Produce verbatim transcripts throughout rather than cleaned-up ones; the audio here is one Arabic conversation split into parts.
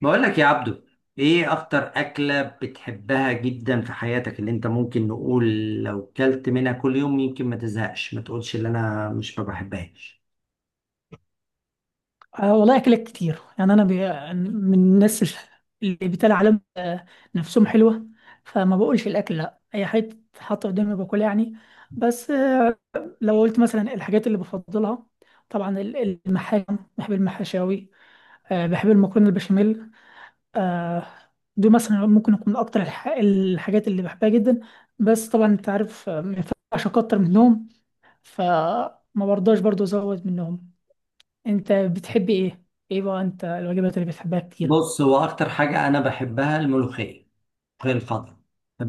بقول لك يا عبدو، ايه اكتر اكلة بتحبها جدا في حياتك اللي انت ممكن نقول لو كلت منها كل يوم، يمكن ما تزهقش، ما تقولش اللي انا مش ما بحبهاش؟ آه والله أكلات كتير يعني أنا بي... من الناس اللي بتلاقي على نفسهم حلوة، فما بقولش الأكل لأ، أي حاجة تتحط قدامي باكلها يعني. بس آه، لو قلت مثلا الحاجات اللي بفضلها، طبعا ال- المحاشي، بحب المحاشاوي. آه، بحب المكرونة البشاميل. آه، دول مثلا ممكن يكون أكتر الح... الحاجات اللي بحبها جدا. بس طبعا أنت عارف آه، ما ينفعش أكتر منهم، فما برضاش برضو أزود منهم. انت بتحبي ايه؟ ايه بقى انت الوجبات اللي بتحبها كتير؟ بص، هو اكتر حاجة انا بحبها الملوخية. الملوخية الخضراء،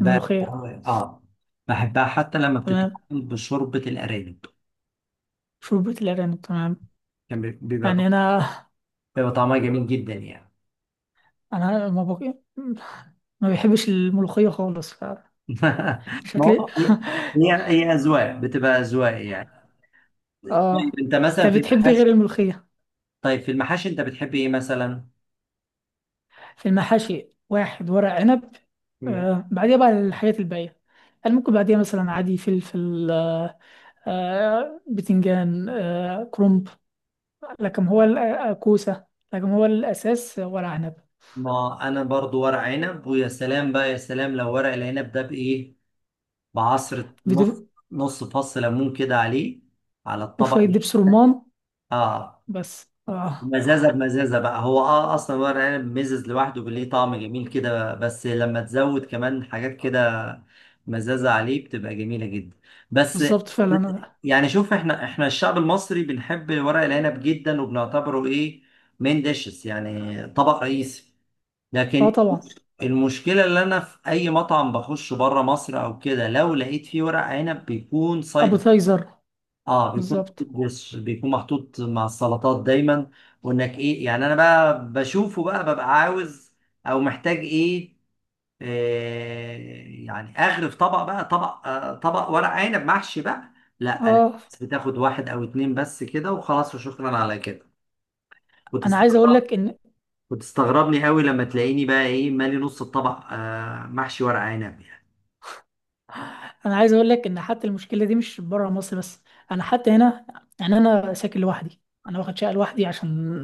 الملوخيه. اه. بحبها حتى لما تمام، بتتعمل بشوربة الارانب. شوربه الارانب تمام. كان بي- بيبقى طع- يعني انا بيبقى طعمها جميل جدا يعني. انا ما بق... ما بحبش الملوخيه خالص، ما فشكلي. هو هي هي هي اذواق بتبقى اذواق يعني. طيب، اه. انت انت مثلا في بتحبي المحاشي غير الملوخيه؟ طيب في المحاشي انت بتحب ايه مثلا؟ في المحاشي واحد ورق عنب. مم. آه، بعديها بقى الحاجات الباقيه، يعني ممكن بعديها مثلا عادي فلفل آه، آه بتنجان آه، كرنب، لكن هو ال- آه، كوسه، لكن هو الاساس ورق عنب. ما انا برضو ورق عنب، ويا سلام بقى، يا سلام لو ورق العنب ده بايه، بعصرة نص نص فص ليمون كده عليه، على وشوية الطبق. دبس رمان. اه. بس اه. مزازة بمزازة بقى هو، اه اصلا ورق عنب مزز لوحده ليه طعم جميل كده، بس لما تزود كمان حاجات كده مزازة عليه بتبقى جميلة جدا بس. بالظبط فعلا. أنا- يعني شوف، احنا احنا الشعب المصري بنحب ورق العنب جدا، وبنعتبره ايه، مين ديشز يعني طبق رئيسي. اه لكن طبعا. المشكلة، اللي انا في اي مطعم بخش بره مصر او كده لو لقيت فيه ورق عنب بيكون سايد. ابيتايزر. اه، بيكون محطوط- بالظبط. دش، بيكون محطوط مع السلطات دايما، وانك ايه يعني. انا بقى بشوفه بقى ببقى عاوز، او محتاج ايه، آه يعني اغرف طبق بقى، طبق، آه طبق ورق عنب محشي بقى. لا، اه، بس بتاخد واحد او اتنين بس كده، وخلاص وشكرا على كده. انا عايز اقول وتستغرب لك ان وتستغربني قوي لما تلاقيني بقى ايه، مالي نص الطبق آه محشي ورق عنب يعني. انا عايز اقول لك ان حتى المشكله دي مش بره مصر بس، انا حتى هنا، يعني انا ساكن لوحدي، انا واخد شقه لوحدي عشان،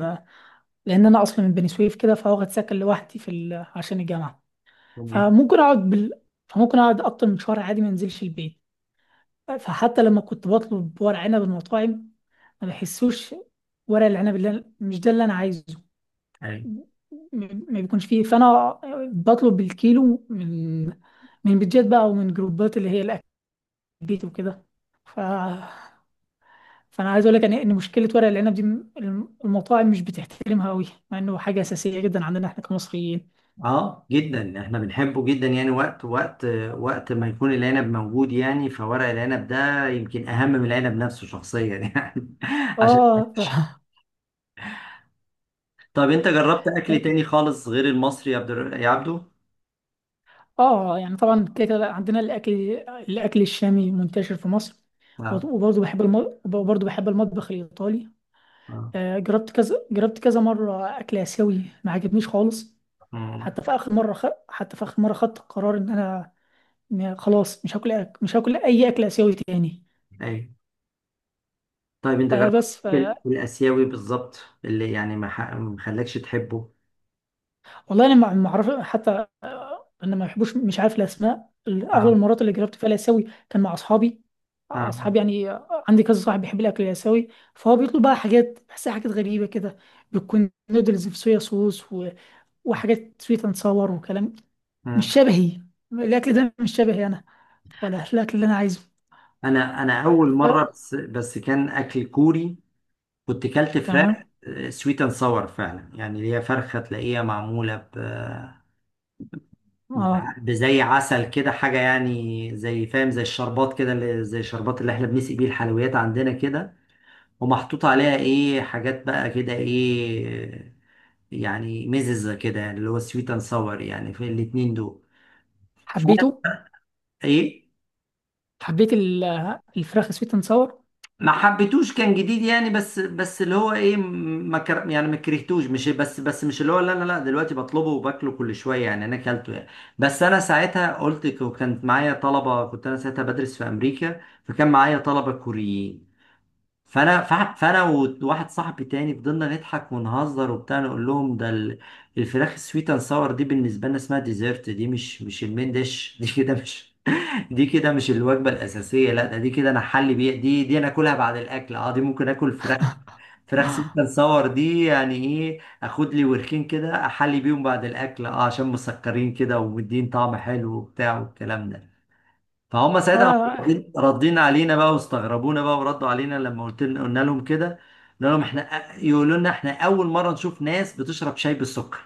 لان انا اصلا من بني سويف كده، فواخد سكن لوحدي في ال... عشان الجامعه. تمام. فممكن اقعد بال... فممكن اقعد اكتر من شهر عادي ما انزلش البيت. فحتى لما كنت بطلب ورق عنب من المطاعم ما بحسوش، ورق العنب اللي أنا- مش ده اللي انا عايزه، أيوة. ما بيكونش فيه. فانا بطلب بالكيلو من من بيتجات بقى ومن جروبات اللي هي الاكتيفيتي وكده. ف فانا عايز اقول لك ان إن مشكله ورق العنب دي الم- المطاعم مش بتحترمها قوي، مع انه حاجه اساسيه جدا عندنا احنا كمصريين. اه جدا، احنا بنحبه جدا يعني. وقت وقت وقت ما يكون العنب موجود، يعني فورق العنب ده يمكن اهم من العنب نفسه شخصيا يعني. عشان اه طب انت جربت اكل تاني خالص غير المصري، يا عبد الر- يا عبدو؟ اه، يعني طبعا كده كده عندنا الاكل، الاكل الشامي منتشر في مصر. وط- اه. وبرضه بحب الم... وبرضه بحب المطبخ الايطالي. اه. آه، جربت كذا، جربت كذا مره اكل اسيوي ما عجبنيش خالص. آه. حتى في اخر مره خ... حتى في اخر مره خدت القرار ان انا، إن خلاص مش هاكل أك... مش هاكل اي اكل اسيوي تاني. ايوه. طيب، انت آه جربت بس ف... ال- الاسيوي بالظبط، اللي يعني ما ح- ما خلاكش تحبه؟ والله انا ما ما اعرف حتى آه، انا ما بحبوش، مش عارف الاسماء. اغلب اه. المرات اللي جربت فيها الاسيوي كان مع اصحابي، اه. اصحابي يعني آه، عندي كذا صاحب بيحب الاكل الاسيوي، فهو بيطلب بقى حاجات بحسها حاجات غريبه كده. بتكون نودلز في صويا صوص و... وحاجات سويت اند ساور وكلام. مش آه. شبهي، الاكل ده مش شبهي انا، ولا الاكل اللي انا عايزه. انا انا اول ف... مره، بس بس كان اكل كوري. كنت كلت فراخ تمام. سويت اند ساور فعلا، يعني اللي هي فرخه تلاقيها معموله ب ب- اه بزي عسل كده حاجه، يعني زي، فاهم، زي الشربات كده، اللي زي الشربات اللي احنا بنسقي بيه الحلويات عندنا كده. ومحطوط عليها ايه حاجات بقى كده، ايه يعني مززه كده، يعني اللي هو سويت اند ساور يعني في الاتنين دول. ف- حبيته، ايه، حبيت ال- الفراخ سويت اند ساور. ما حبيتوش، كان جديد يعني، بس بس اللي هو ايه، ما كر... يعني ما كرهتوش، مش بس بس مش اللي هو، لا لا لا، دلوقتي بطلبه وباكله كل شويه يعني، انا اكلته يعني. بس انا ساعتها قلت ك- وكانت معايا طلبه، كنت انا ساعتها بدرس في امريكا، فكان معايا طلبه كوريين. فانا ف- فانا وواحد صاحبي تاني فضلنا نضحك ونهزر وبتاع، نقول لهم ده ال- الفراخ السويت اند ساور دي بالنسبه لنا اسمها ديزرت، دي مش مش المين ديش، دي كده مش، دي كده مش الوجبة الأساسية، لا ده دي كده أنا حل بيها، دي دي أنا آكلها بعد الأكل، أه دي ممكن آكل فراخ، فراخ سميك أند صور دي، يعني إيه، آخد لي وركين كده أحلي بيهم بعد الأكل، أه عشان مسكرين كده ومدين طعم حلو وبتاع والكلام ده. فهم ساعتها اه. ردين ردين علينا بقى، واستغربونا بقى، وردوا علينا لما قلت لنا قلنا لهم كده. قلنا لهم إحنا يقولوا لنا إحنا أول مرة نشوف ناس بتشرب شاي بالسكر.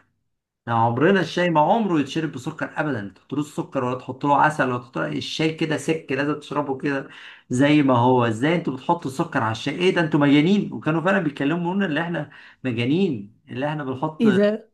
يعني عمرنا الشاي ما عمره يتشرب بسكر ابدا، تحطلوش سكر، ولا تحط له عسل، ولا تحط له، الشاي كده سك لازم تشربه كده زي ما هو. ازاي انتوا بتحطوا السكر على الشاي، ايه ده انتوا مجانين؟ وكانوا فعلا بيتكلموا لنا اللي احنا مجانين، اللي احنا بنحط ايه ده؟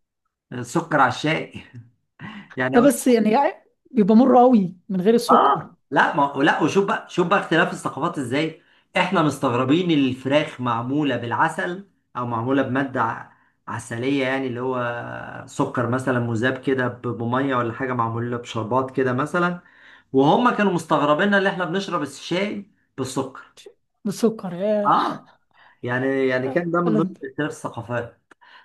سكر على الشاي. يعني ده بس يعني يعني بيبقى مر قوي من غير السكر. اه، لا ما لا. وشوف بقى، شوف بقى اختلاف الثقافات ازاي. احنا مستغربين الفراخ معموله بالعسل، او معموله بماده ع- عسليه، يعني اللي هو سكر مثلا مذاب كده ب- بميه ولا حاجه، معموله بشربات كده مثلا. وهم كانوا مستغربيننا اللي احنا بنشرب الشاي بالسكر، بالسكر يا. اه. يعني يعني كان لا ده من لا. ضمن اختلاف الثقافات.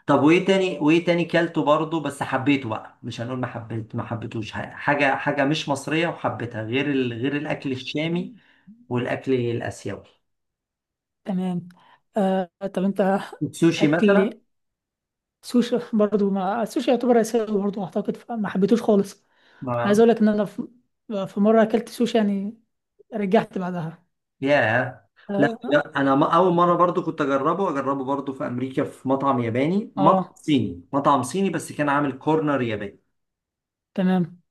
طب وايه تاني وايه تاني كلته برضه بس حبيته بقى، مش هنقول ما حبيت ما حبيتوش. ح- حاجه حاجه مش مصريه وحبيتها، غير ال... غير الاكل الشامي والاكل الاسيوي، تمام. آه طب انت السوشي اكل مثلا. سوشي برضو، ما السوشي يعتبر اسيوي برضو اعتقد، فما حبيتوش خالص. عايز ما اقول لك ان انا في في مره اكلت سوشي يعني رجعت بعدها. ياه. لا اه، لا، انا ما اول مره برضو كنت اجربه اجربه برضو في امريكا، في مطعم ياباني مطعم آه. صيني مطعم صيني بس كان عامل كورنر ياباني. تمام.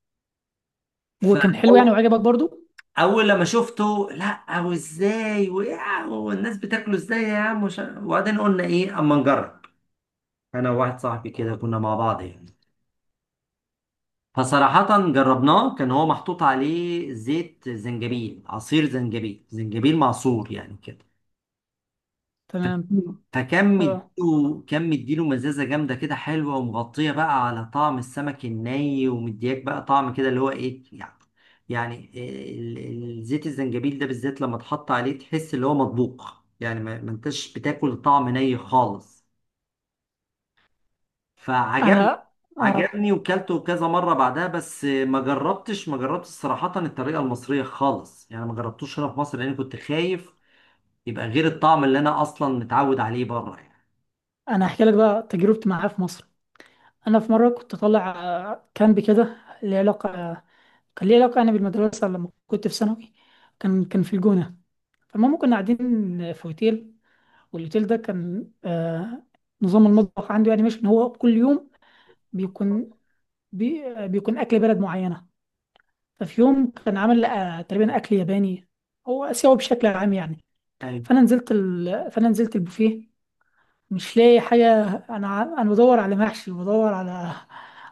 وكان حلو يعني فاول وعجبك برضو؟ لما شفته، لا، وازاي، وإيه؟ والناس بتاكله ازاي يا عم؟ وش- وبعدين قلنا ايه اما نجرب. انا وواحد صاحبي كده كنا مع بعض يعني، فصراحة جربناه، كان هو محطوط عليه زيت زنجبيل، عصير زنجبيل، زنجبيل معصور يعني كده. تمام. فكان فكان اه. مديله كان مديله مزازة جامدة كده حلوة، ومغطية بقى على طعم السمك الني، ومدياك بقى طعم كده اللي هو ايه يعني. يعني إيه، ال- ال- زيت الزنجبيل ده بالذات لما تحط عليه تحس اللي هو مطبوخ، يعني ما ما انتش بتاكل طعم ني خالص، فعجبني. انا اه عجبني وكلته كذا مرة بعدها، بس ما جربتش ما جربتش صراحة الطريقة المصرية خالص يعني، ما جربتوش هنا في مصر، لأني كنت خايف يبقى غير الطعم اللي أنا أصلا متعود عليه بره يعني. انا احكي لك بقى تجربتي معاه في مصر. انا في مره كنت طالع آه، كامب كده، ليه علاقه، كان ليه علاقه يعني بالمدرسه لما كنت في ثانوي. كان كان في الجونه. فالمهم كنا قاعدين في اوتيل، والاوتيل ده كان آه، نظام المطبخ عنده يعني مش ان هو كل يوم بيكون بي آه، بيكون اكل بلد معينه. ففي يوم كان عامل آه، تقريبا اكل ياباني، هو اسيوي بشكل عام يعني. ايوه. فانا نزلت ال... فانا نزلت البوفيه مش لاقي حاجة. أنا ع- أنا بدور على محشي، بدور على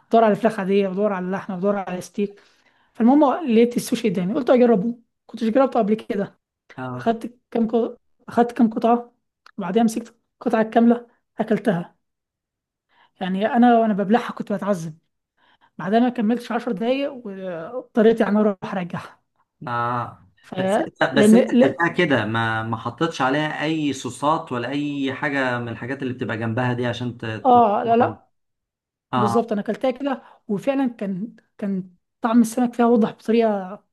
بدور على فراخ عادية، بدور على لحمة، بدور على ستيك. فالمهم لقيت السوشي قدامي قلت أجربه، كنتش جربته قبل كده. اه. أخدت كام قط- أخدت كام قطعة، وبعدها مسكت القطعة الكاملة أكلتها. يعني أنا وأنا ببلعها كنت بتعذب. بعدها ما كملتش عشر دقايق و- واضطريت يعني أروح أرجعها. آه. ف بس أنت بس لأن أنت لا، أكلتها كده، ما ما حطيتش عليها أي صوصات، ولا أي حاجة من الحاجات اللي بتبقى جنبها دي، عشان ت... ت- آه لا لا. آه. بالظبط أنا أكلتها كده، وفعلا كان كان طعم السمك فيها واضح بطريقة،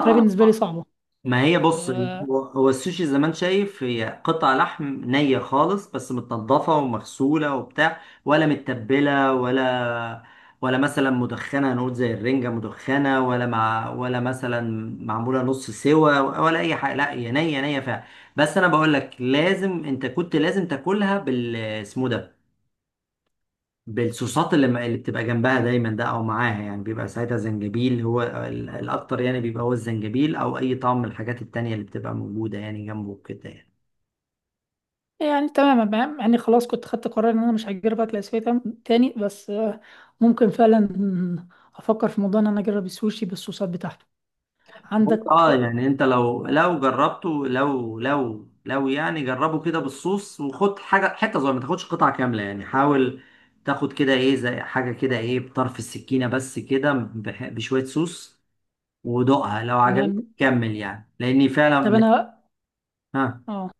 طريقة بالنسبة لي صعبة. ما هي بص، آه. هو هو السوشي زي ما انت شايف، هي قطع لحم نية خالص، بس متنضفة ومغسولة وبتاع، ولا متبلة ولا ولا مثلا مدخنة، هنقول زي الرنجة مدخنة، ولا مع ولا مثلا معمولة نص سوا، ولا أي حاجة. لا، هي نية نية فعلا. بس أنا بقول لك، لازم أنت كنت لازم تاكلها بال، اسمه ده، بالصوصات اللي, ما- اللي بتبقى جنبها دايما ده او معاها، يعني بيبقى ساعتها زنجبيل هو ال- الاكتر يعني، بيبقى هو الزنجبيل او اي طعم من الحاجات التانية اللي بتبقى موجودة يعني جنبه كده يعني. يعني تمام تمام، يعني خلاص كنت خدت قرار ان انا مش هجرب اكل اسيوي تم- تاني، بس آه ممكن فعلا افكر في موضوع ان انا اجرب السوشي بالصوصات بتاعته عندك. اه يعني، انت لو لو جربته، لو لو لو يعني جربه كده بالصوص، وخد حاجة، حتة صغيرة، ما تاخدش قطعة كاملة يعني. حاول تاخد كده ايه، زي حاجة كده، ايه بطرف السكينة بس كده، بح- بشوية صوص، ودوقها لو عجبتك تمام. كمل يعني، لاني طب فعلا. انا ها. اه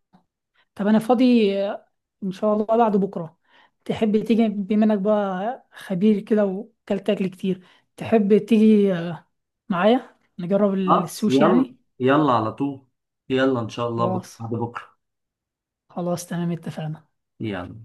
طب انا فاضي آه، ان شاء الله بعد بكره. تحب تيجي بما انك بقى خبير كده وكلت اكل كتير، تحب تيجي آه، معايا نجرب خلاص السوشي يلا، يعني؟ يلا على طول، يلا ان شاء الله بكره خلاص، بعد بكره، خلاص تمام اتفقنا. يلا.